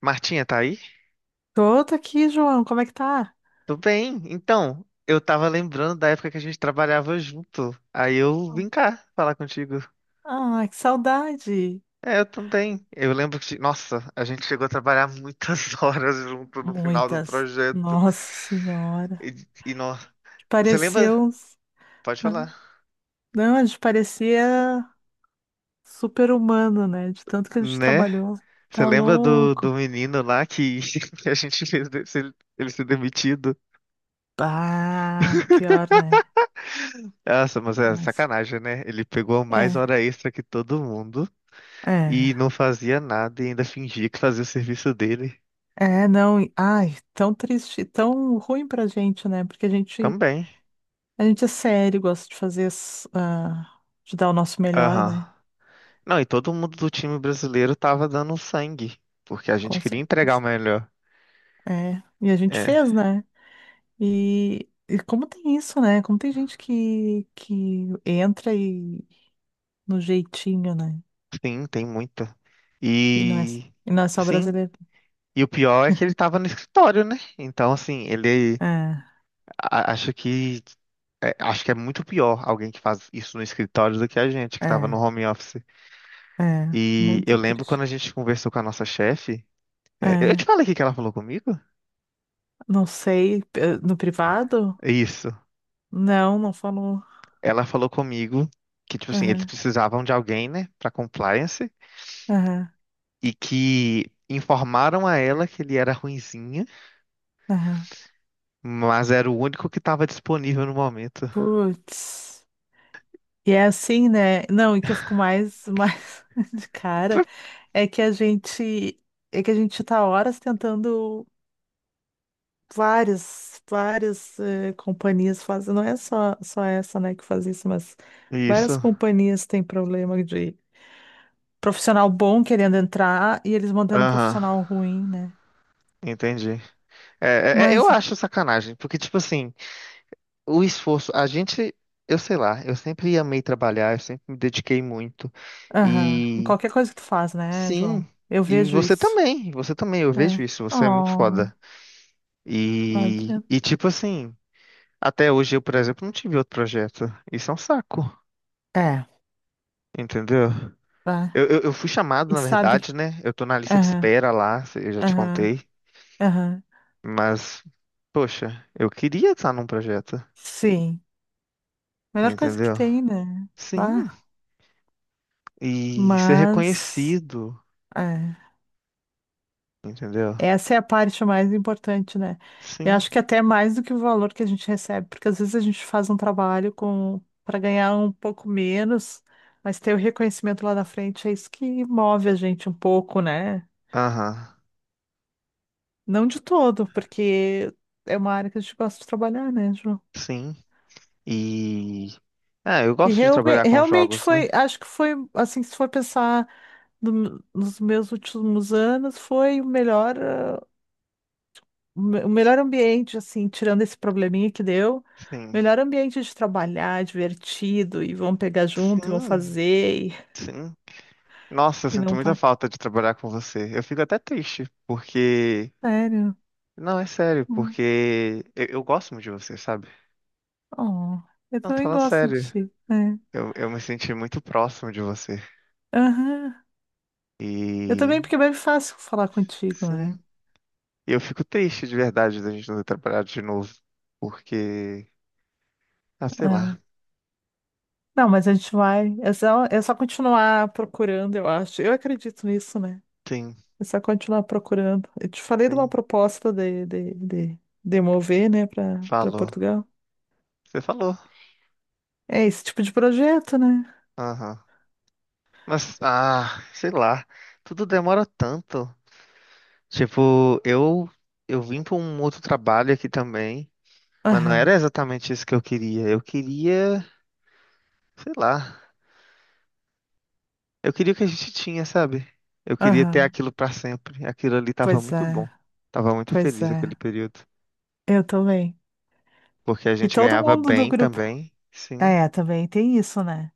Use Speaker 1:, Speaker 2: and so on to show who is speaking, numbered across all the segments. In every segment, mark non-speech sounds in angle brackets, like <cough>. Speaker 1: Martinha, tá aí?
Speaker 2: Tô, tô aqui, João. Como é que tá?
Speaker 1: Tudo bem. Então, eu tava lembrando da época que a gente trabalhava junto. Aí eu vim cá falar contigo.
Speaker 2: Ah, que saudade.
Speaker 1: É, eu também. Eu lembro que, nossa, a gente chegou a trabalhar muitas <laughs> horas junto no final do
Speaker 2: Muitas.
Speaker 1: projeto.
Speaker 2: Nossa Senhora.
Speaker 1: E, e nó- Você lembra?
Speaker 2: Pareceu.
Speaker 1: Pode
Speaker 2: Né?
Speaker 1: falar.
Speaker 2: Não, a gente parecia super-humano, né? De tanto que a gente
Speaker 1: Né?
Speaker 2: trabalhou.
Speaker 1: Você
Speaker 2: Tá
Speaker 1: lembra do
Speaker 2: louco.
Speaker 1: menino lá que, <laughs> que a gente fez ele ser demitido?
Speaker 2: Bah,
Speaker 1: <laughs>
Speaker 2: pior, né?
Speaker 1: Nossa, mas é
Speaker 2: Mas.
Speaker 1: sacanagem, né? Ele pegou mais
Speaker 2: É,
Speaker 1: hora extra que todo mundo.
Speaker 2: é.
Speaker 1: E não fazia nada e ainda fingia que fazia o serviço dele
Speaker 2: É, não. Ai, tão triste, tão ruim pra gente, né? Porque
Speaker 1: também.
Speaker 2: a gente é sério, gosta de fazer, de dar o nosso melhor,
Speaker 1: Aham.
Speaker 2: né?
Speaker 1: Não, e todo mundo do time brasileiro tava dando sangue, porque a gente
Speaker 2: Com
Speaker 1: queria entregar o
Speaker 2: certeza.
Speaker 1: melhor.
Speaker 2: É, e a gente
Speaker 1: É,
Speaker 2: fez, né? E como tem isso, né? Como tem gente que entra e no jeitinho, né?
Speaker 1: sim, tem muita.
Speaker 2: E não é,
Speaker 1: E
Speaker 2: e não é só
Speaker 1: sim,
Speaker 2: brasileiro.
Speaker 1: e o pior é que ele tava no escritório, né? Então, assim,
Speaker 2: É,
Speaker 1: a- acho que acho que é muito pior alguém que faz isso no escritório do que a gente, que tava no
Speaker 2: é,
Speaker 1: home office.
Speaker 2: é.
Speaker 1: E eu
Speaker 2: Muito
Speaker 1: lembro
Speaker 2: triste.
Speaker 1: quando a gente conversou com a nossa chefe. É, eu te
Speaker 2: É,
Speaker 1: falei o que que ela falou comigo?
Speaker 2: não sei. No privado?
Speaker 1: Isso.
Speaker 2: Não, não falou.
Speaker 1: Ela falou comigo que, tipo assim, eles
Speaker 2: Aham,
Speaker 1: precisavam de alguém, né, pra compliance,
Speaker 2: aham,
Speaker 1: e que informaram a ela que ele era ruinzinha,
Speaker 2: aham.
Speaker 1: mas era o único que tava disponível no momento.
Speaker 2: Putz. E é assim, né? Não, e que eu fico mais, mais <laughs> de cara
Speaker 1: <laughs>
Speaker 2: é que a gente. É que a gente tá horas tentando. Várias, várias companhias fazem, não é só, só essa, né, que faz isso, mas várias
Speaker 1: Isso.
Speaker 2: companhias têm problema de profissional bom querendo entrar e eles mantendo um
Speaker 1: Aham.
Speaker 2: profissional ruim, né?
Speaker 1: Entendi. É, eu
Speaker 2: Mas,
Speaker 1: acho sacanagem, porque, tipo assim, o esforço, a gente, eu sei lá, eu sempre amei trabalhar, eu sempre me dediquei muito.
Speaker 2: aham, em
Speaker 1: E
Speaker 2: qualquer coisa que tu faz, né, João?
Speaker 1: sim,
Speaker 2: Eu
Speaker 1: e
Speaker 2: vejo
Speaker 1: você
Speaker 2: isso.
Speaker 1: também, eu vejo
Speaker 2: É.
Speaker 1: isso, você é muito
Speaker 2: Oh,
Speaker 1: foda.
Speaker 2: vai ver.
Speaker 1: E tipo assim. Até hoje eu, por exemplo, não tive outro projeto. Isso é um saco,
Speaker 2: É,
Speaker 1: entendeu?
Speaker 2: tá.
Speaker 1: Eu fui chamado,
Speaker 2: E
Speaker 1: na
Speaker 2: sabe?
Speaker 1: verdade, né? Eu tô na lista de
Speaker 2: Aham,
Speaker 1: espera lá, eu já te
Speaker 2: aham,
Speaker 1: contei.
Speaker 2: aham.
Speaker 1: Mas, poxa, eu queria estar num projeto,
Speaker 2: Sim. Melhor coisa que
Speaker 1: entendeu?
Speaker 2: tem, né?
Speaker 1: Sim,
Speaker 2: Bah,
Speaker 1: e ser
Speaker 2: mas.
Speaker 1: reconhecido,
Speaker 2: É.
Speaker 1: entendeu?
Speaker 2: Essa é a parte mais importante, né? Eu
Speaker 1: Sim,
Speaker 2: acho que até mais do que o valor que a gente recebe, porque às vezes a gente faz um trabalho com para ganhar um pouco menos, mas ter o reconhecimento lá na frente é isso que move a gente um pouco, né?
Speaker 1: aham,
Speaker 2: Não de todo, porque é uma área que a gente gosta de trabalhar, né, João?
Speaker 1: sim. E. Ah, eu
Speaker 2: E
Speaker 1: gosto de trabalhar com
Speaker 2: realmente
Speaker 1: jogos, né?
Speaker 2: foi, acho que foi, assim, se for pensar nos meus últimos anos, foi o melhor. O melhor ambiente, assim, tirando esse probleminha que deu, o
Speaker 1: Sim,
Speaker 2: melhor ambiente de trabalhar, divertido, e vão pegar junto, e vão
Speaker 1: sim,
Speaker 2: fazer,
Speaker 1: sim. Nossa, eu
Speaker 2: e
Speaker 1: sinto
Speaker 2: não
Speaker 1: muita
Speaker 2: para.
Speaker 1: falta de trabalhar com você. Eu fico até triste, porque.
Speaker 2: Sério.
Speaker 1: Não, é sério,
Speaker 2: Hum.
Speaker 1: porque eu gosto muito de você, sabe?
Speaker 2: Oh, eu
Speaker 1: Não, tô
Speaker 2: também
Speaker 1: falando
Speaker 2: gosto de
Speaker 1: sério.
Speaker 2: ti, né?
Speaker 1: Eu me senti muito próximo de você.
Speaker 2: Aham. Eu
Speaker 1: E
Speaker 2: também, porque é bem fácil falar contigo,
Speaker 1: sim,
Speaker 2: né?
Speaker 1: eu fico triste de verdade da gente não ter trabalhado de novo. Porque, ah, sei
Speaker 2: É.
Speaker 1: lá.
Speaker 2: Não, mas a gente vai. É só continuar procurando, eu acho. Eu acredito nisso, né?
Speaker 1: Sim,
Speaker 2: É só continuar procurando. Eu te falei de uma
Speaker 1: sim.
Speaker 2: proposta de mover, né, para
Speaker 1: Falou.
Speaker 2: Portugal.
Speaker 1: Você falou.
Speaker 2: É esse tipo de projeto, né?
Speaker 1: Aham. Mas, ah, sei lá. Tudo demora tanto. Tipo, eu vim pra um outro trabalho aqui também. Mas não
Speaker 2: Aham,
Speaker 1: era exatamente isso que eu queria. Eu queria, sei lá. Eu queria o que a gente tinha, sabe? Eu queria ter
Speaker 2: aham.
Speaker 1: aquilo pra sempre. Aquilo ali tava
Speaker 2: Pois
Speaker 1: muito bom.
Speaker 2: é,
Speaker 1: Tava muito
Speaker 2: pois
Speaker 1: feliz aquele
Speaker 2: é.
Speaker 1: período.
Speaker 2: Eu também.
Speaker 1: Porque a
Speaker 2: E
Speaker 1: gente
Speaker 2: todo
Speaker 1: ganhava
Speaker 2: mundo do
Speaker 1: bem
Speaker 2: grupo.
Speaker 1: também. Sim,
Speaker 2: É, também tem isso, né?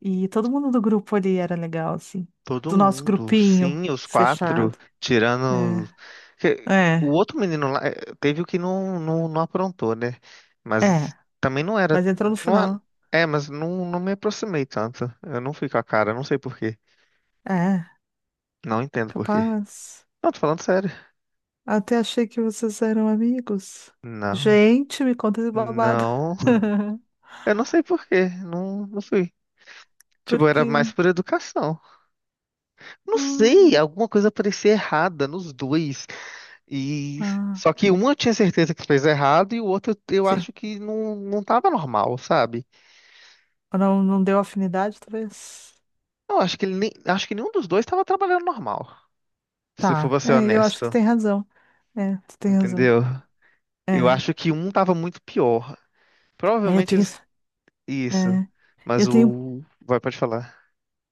Speaker 2: E todo mundo do grupo ali era legal, assim.
Speaker 1: todo
Speaker 2: Do nosso
Speaker 1: mundo.
Speaker 2: grupinho
Speaker 1: Sim, os quatro.
Speaker 2: fechado.
Speaker 1: Tirando. que-
Speaker 2: É,
Speaker 1: O
Speaker 2: é,
Speaker 1: outro menino lá teve o que não aprontou, né?
Speaker 2: é.
Speaker 1: Mas também não era.
Speaker 2: Mas entrou no
Speaker 1: Não, a-
Speaker 2: final.
Speaker 1: É, mas não, não me aproximei tanto. Eu não fui com a cara, não sei por quê.
Speaker 2: É,
Speaker 1: Não entendo por quê.
Speaker 2: capaz.
Speaker 1: Não, tô falando sério.
Speaker 2: Até achei que vocês eram amigos.
Speaker 1: Não.
Speaker 2: Gente, me conta esse babado.
Speaker 1: Não.
Speaker 2: <laughs>
Speaker 1: Eu não sei por quê, não, não fui. Tipo, era mais
Speaker 2: Porque.
Speaker 1: por educação. Não
Speaker 2: Hum,
Speaker 1: sei, alguma coisa parecia errada nos dois. E
Speaker 2: ah,
Speaker 1: só que um eu tinha certeza que fez errado e o outro eu
Speaker 2: sim.
Speaker 1: acho que não, não tava normal, sabe?
Speaker 2: Não, não deu afinidade, talvez.
Speaker 1: Eu acho que ele nem, acho que nenhum dos dois tava trabalhando normal. Se for
Speaker 2: Tá,
Speaker 1: pra ser
Speaker 2: é, eu acho que tu
Speaker 1: honesto,
Speaker 2: tem razão. É, tu tem razão.
Speaker 1: entendeu? Eu
Speaker 2: É,
Speaker 1: acho que um tava muito pior.
Speaker 2: é,
Speaker 1: Provavelmente eles isso,
Speaker 2: é,
Speaker 1: mas
Speaker 2: eu tenho,
Speaker 1: o vai pode falar.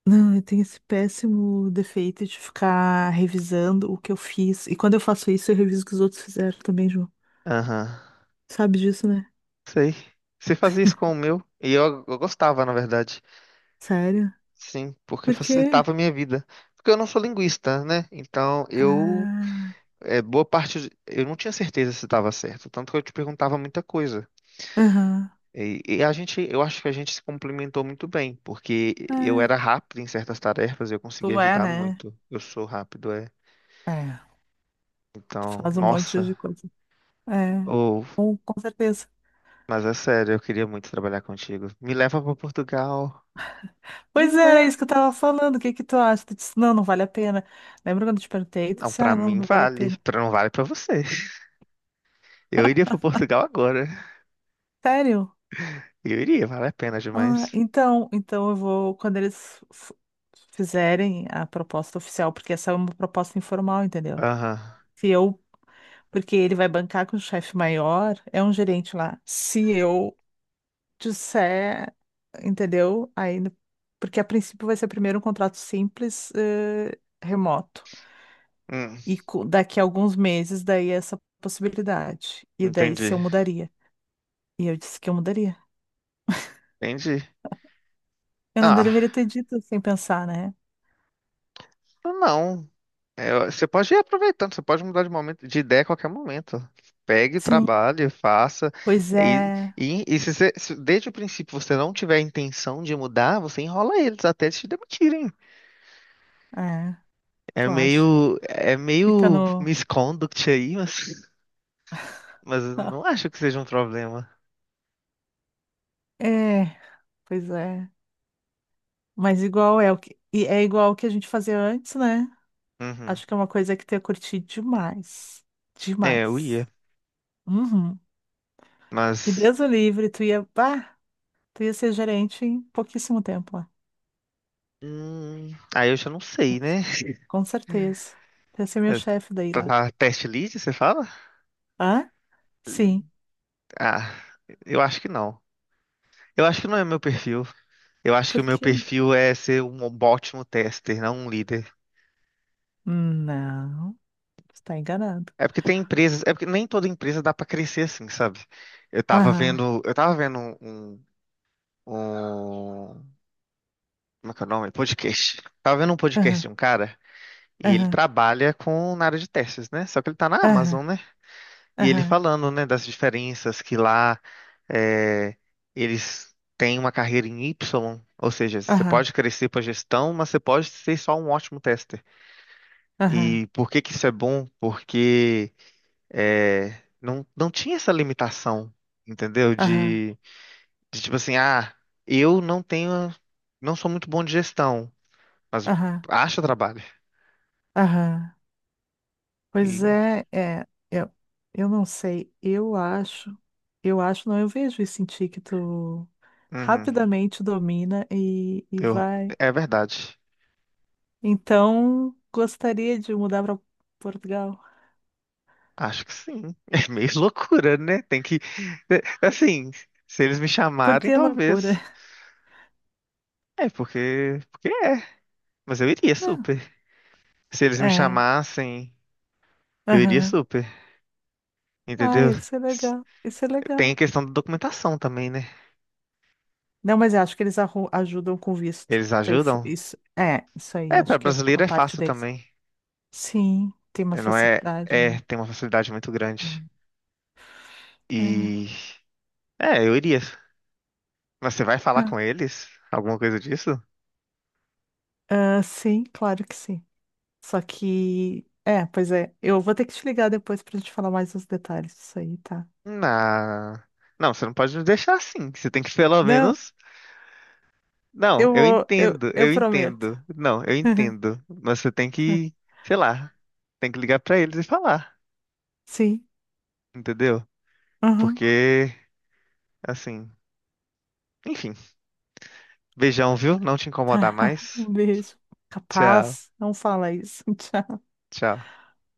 Speaker 2: não, eu tenho esse péssimo defeito de ficar revisando o que eu fiz. E quando eu faço isso, eu reviso o que os outros fizeram também, João.
Speaker 1: Aham.
Speaker 2: Sabe disso, né?
Speaker 1: Sei. Você fazia isso com o meu e eu gostava, na verdade.
Speaker 2: Sério?
Speaker 1: Sim, porque
Speaker 2: Por quê?
Speaker 1: facilitava a minha vida. Porque eu não sou linguista, né? Então eu,
Speaker 2: Ah,
Speaker 1: é, boa parte, eu não tinha certeza se estava certo, tanto que eu te perguntava muita coisa.
Speaker 2: aham.
Speaker 1: E a gente, eu acho que a gente se complementou muito bem, porque
Speaker 2: É,
Speaker 1: eu era rápido em certas tarefas, eu conseguia
Speaker 2: tu é,
Speaker 1: ajudar
Speaker 2: né?
Speaker 1: muito. Eu sou rápido, é.
Speaker 2: É, tu
Speaker 1: Então,
Speaker 2: faz um monte de
Speaker 1: nossa,
Speaker 2: coisa. É,
Speaker 1: ou,
Speaker 2: com certeza.
Speaker 1: mas é sério, eu queria muito trabalhar contigo. Me leva para Portugal. Me
Speaker 2: Pois é, era isso que eu tava
Speaker 1: leva.
Speaker 2: falando. O que que tu acha? Tu disse, não, não vale a pena. Lembra quando eu te perguntei? Tu
Speaker 1: Não,
Speaker 2: disse,
Speaker 1: para
Speaker 2: ah, não,
Speaker 1: mim
Speaker 2: não vale a
Speaker 1: vale,
Speaker 2: pena.
Speaker 1: para não vale para você. <laughs> Eu iria para Portugal agora.
Speaker 2: Sério?
Speaker 1: Eu iria, vale a pena
Speaker 2: Ah,
Speaker 1: demais.
Speaker 2: então, então eu vou, quando fizerem a proposta oficial, porque essa é uma proposta informal, entendeu?
Speaker 1: Aham.
Speaker 2: Se eu, porque ele vai bancar com o chefe maior, é um gerente lá. Se eu disser, entendeu? Aí, no- Porque a princípio vai ser primeiro um contrato simples, remoto.
Speaker 1: Hum,
Speaker 2: E daqui a alguns meses, daí essa possibilidade. E daí se
Speaker 1: entendi.
Speaker 2: eu mudaria. E eu disse que eu mudaria.
Speaker 1: Entendi.
Speaker 2: Eu não
Speaker 1: Ah,
Speaker 2: deveria ter dito sem pensar, né?
Speaker 1: não. É, você pode ir aproveitando, você pode mudar de momento, de ideia a qualquer momento. Pegue,
Speaker 2: Sim.
Speaker 1: trabalhe, faça.
Speaker 2: Pois
Speaker 1: E,
Speaker 2: é,
Speaker 1: e, e se você, se desde o princípio você não tiver a intenção de mudar, você enrola eles até eles te demitirem.
Speaker 2: é,
Speaker 1: É
Speaker 2: tu acha?
Speaker 1: meio, é
Speaker 2: Fica
Speaker 1: meio
Speaker 2: no.
Speaker 1: misconduct aí, mas eu não
Speaker 2: <laughs>
Speaker 1: acho que seja um problema.
Speaker 2: É, pois é. Mas igual é o que. E é igual o que a gente fazia antes, né?
Speaker 1: Uhum.
Speaker 2: Acho que é uma coisa que tu ia curtir demais.
Speaker 1: É, eu
Speaker 2: Demais.
Speaker 1: ia,
Speaker 2: Uhum. E
Speaker 1: mas
Speaker 2: Deus o livre, tu ia. Bah, tu ia ser gerente em pouquíssimo tempo lá.
Speaker 1: hum, aí eu já não
Speaker 2: Com
Speaker 1: sei,
Speaker 2: cer-
Speaker 1: né?
Speaker 2: com certeza. Tu ia ser meu chefe daí
Speaker 1: Pra
Speaker 2: lá.
Speaker 1: pra test lead, você fala?
Speaker 2: Hã? Sim.
Speaker 1: Ah, eu acho que não. Eu acho que não é meu perfil. Eu acho que
Speaker 2: Por
Speaker 1: o meu
Speaker 2: quê?
Speaker 1: perfil é ser um ótimo tester, não um líder.
Speaker 2: Não, tu tá enganado.
Speaker 1: É porque tem empresas, é porque nem toda empresa dá pra crescer assim, sabe? Eu tava
Speaker 2: Aham,
Speaker 1: vendo, eu tava vendo um, um, como é que é o nome? Podcast. Tava vendo um podcast
Speaker 2: aham,
Speaker 1: de um cara e ele
Speaker 2: aham,
Speaker 1: trabalha com na área de testes, né? Só que ele tá na
Speaker 2: aham,
Speaker 1: Amazon, né? E ele
Speaker 2: aham,
Speaker 1: falando, né, das diferenças que lá é, eles têm uma carreira em Y, ou seja, você
Speaker 2: aham,
Speaker 1: pode crescer para gestão, mas você pode ser só um ótimo tester.
Speaker 2: aham.
Speaker 1: E por que que isso é bom? Porque é, não tinha essa limitação, entendeu?
Speaker 2: Aham,
Speaker 1: De tipo assim, ah, eu não tenho, não sou muito bom de gestão, mas
Speaker 2: aham,
Speaker 1: acho trabalho.
Speaker 2: aham. Pois
Speaker 1: E,
Speaker 2: é, é, eu não sei, eu acho, não, eu vejo e em que tu
Speaker 1: uhum,
Speaker 2: rapidamente domina e
Speaker 1: eu,
Speaker 2: vai.
Speaker 1: é verdade.
Speaker 2: Então, gostaria de mudar para Portugal.
Speaker 1: Acho que sim. <laughs> É meio loucura, né? Tem que. É, assim, se eles me
Speaker 2: Por
Speaker 1: chamarem,
Speaker 2: que loucura?
Speaker 1: talvez. É, porque. Porque é. Mas eu iria
Speaker 2: Não,
Speaker 1: super. Se eles me
Speaker 2: é,
Speaker 1: chamassem, eu iria
Speaker 2: aham.
Speaker 1: super.
Speaker 2: Ai,
Speaker 1: Entendeu?
Speaker 2: isso é
Speaker 1: S-
Speaker 2: legal, isso é
Speaker 1: Tem a
Speaker 2: legal.
Speaker 1: questão da documentação também, né?
Speaker 2: Não, mas eu acho que ajudam com visto.
Speaker 1: Eles
Speaker 2: Isso aí,
Speaker 1: ajudam.
Speaker 2: isso, é, isso aí,
Speaker 1: É, para
Speaker 2: acho que é
Speaker 1: brasileiro
Speaker 2: a
Speaker 1: é
Speaker 2: parte
Speaker 1: fácil
Speaker 2: deles.
Speaker 1: também.
Speaker 2: Sim, tem uma
Speaker 1: É, não é.
Speaker 2: facilidade,
Speaker 1: É,
Speaker 2: né?
Speaker 1: tem uma facilidade muito grande.
Speaker 2: É. É,
Speaker 1: E. É, eu iria. Mas você vai falar
Speaker 2: é.
Speaker 1: com eles? Alguma coisa disso?
Speaker 2: Ah, sim, claro que sim. Só que, é, pois é, eu vou ter que te ligar depois pra gente falar mais os detalhes disso aí, tá?
Speaker 1: Na. Não, você não pode me deixar assim. Você tem que pelo
Speaker 2: Não,
Speaker 1: menos. Não,
Speaker 2: eu
Speaker 1: eu
Speaker 2: vou,
Speaker 1: entendo,
Speaker 2: eu
Speaker 1: eu
Speaker 2: prometo.
Speaker 1: entendo. Não, eu entendo.
Speaker 2: <laughs>
Speaker 1: Mas você tem que, sei lá, tem que ligar pra eles e falar,
Speaker 2: Sim,
Speaker 1: entendeu?
Speaker 2: aham,
Speaker 1: Porque, assim, enfim. Beijão, viu? Não te
Speaker 2: tá.
Speaker 1: incomodar
Speaker 2: <laughs>
Speaker 1: mais.
Speaker 2: Um beijo.
Speaker 1: Tchau,
Speaker 2: Capaz, não fala isso. <laughs> Tchau.
Speaker 1: tchau.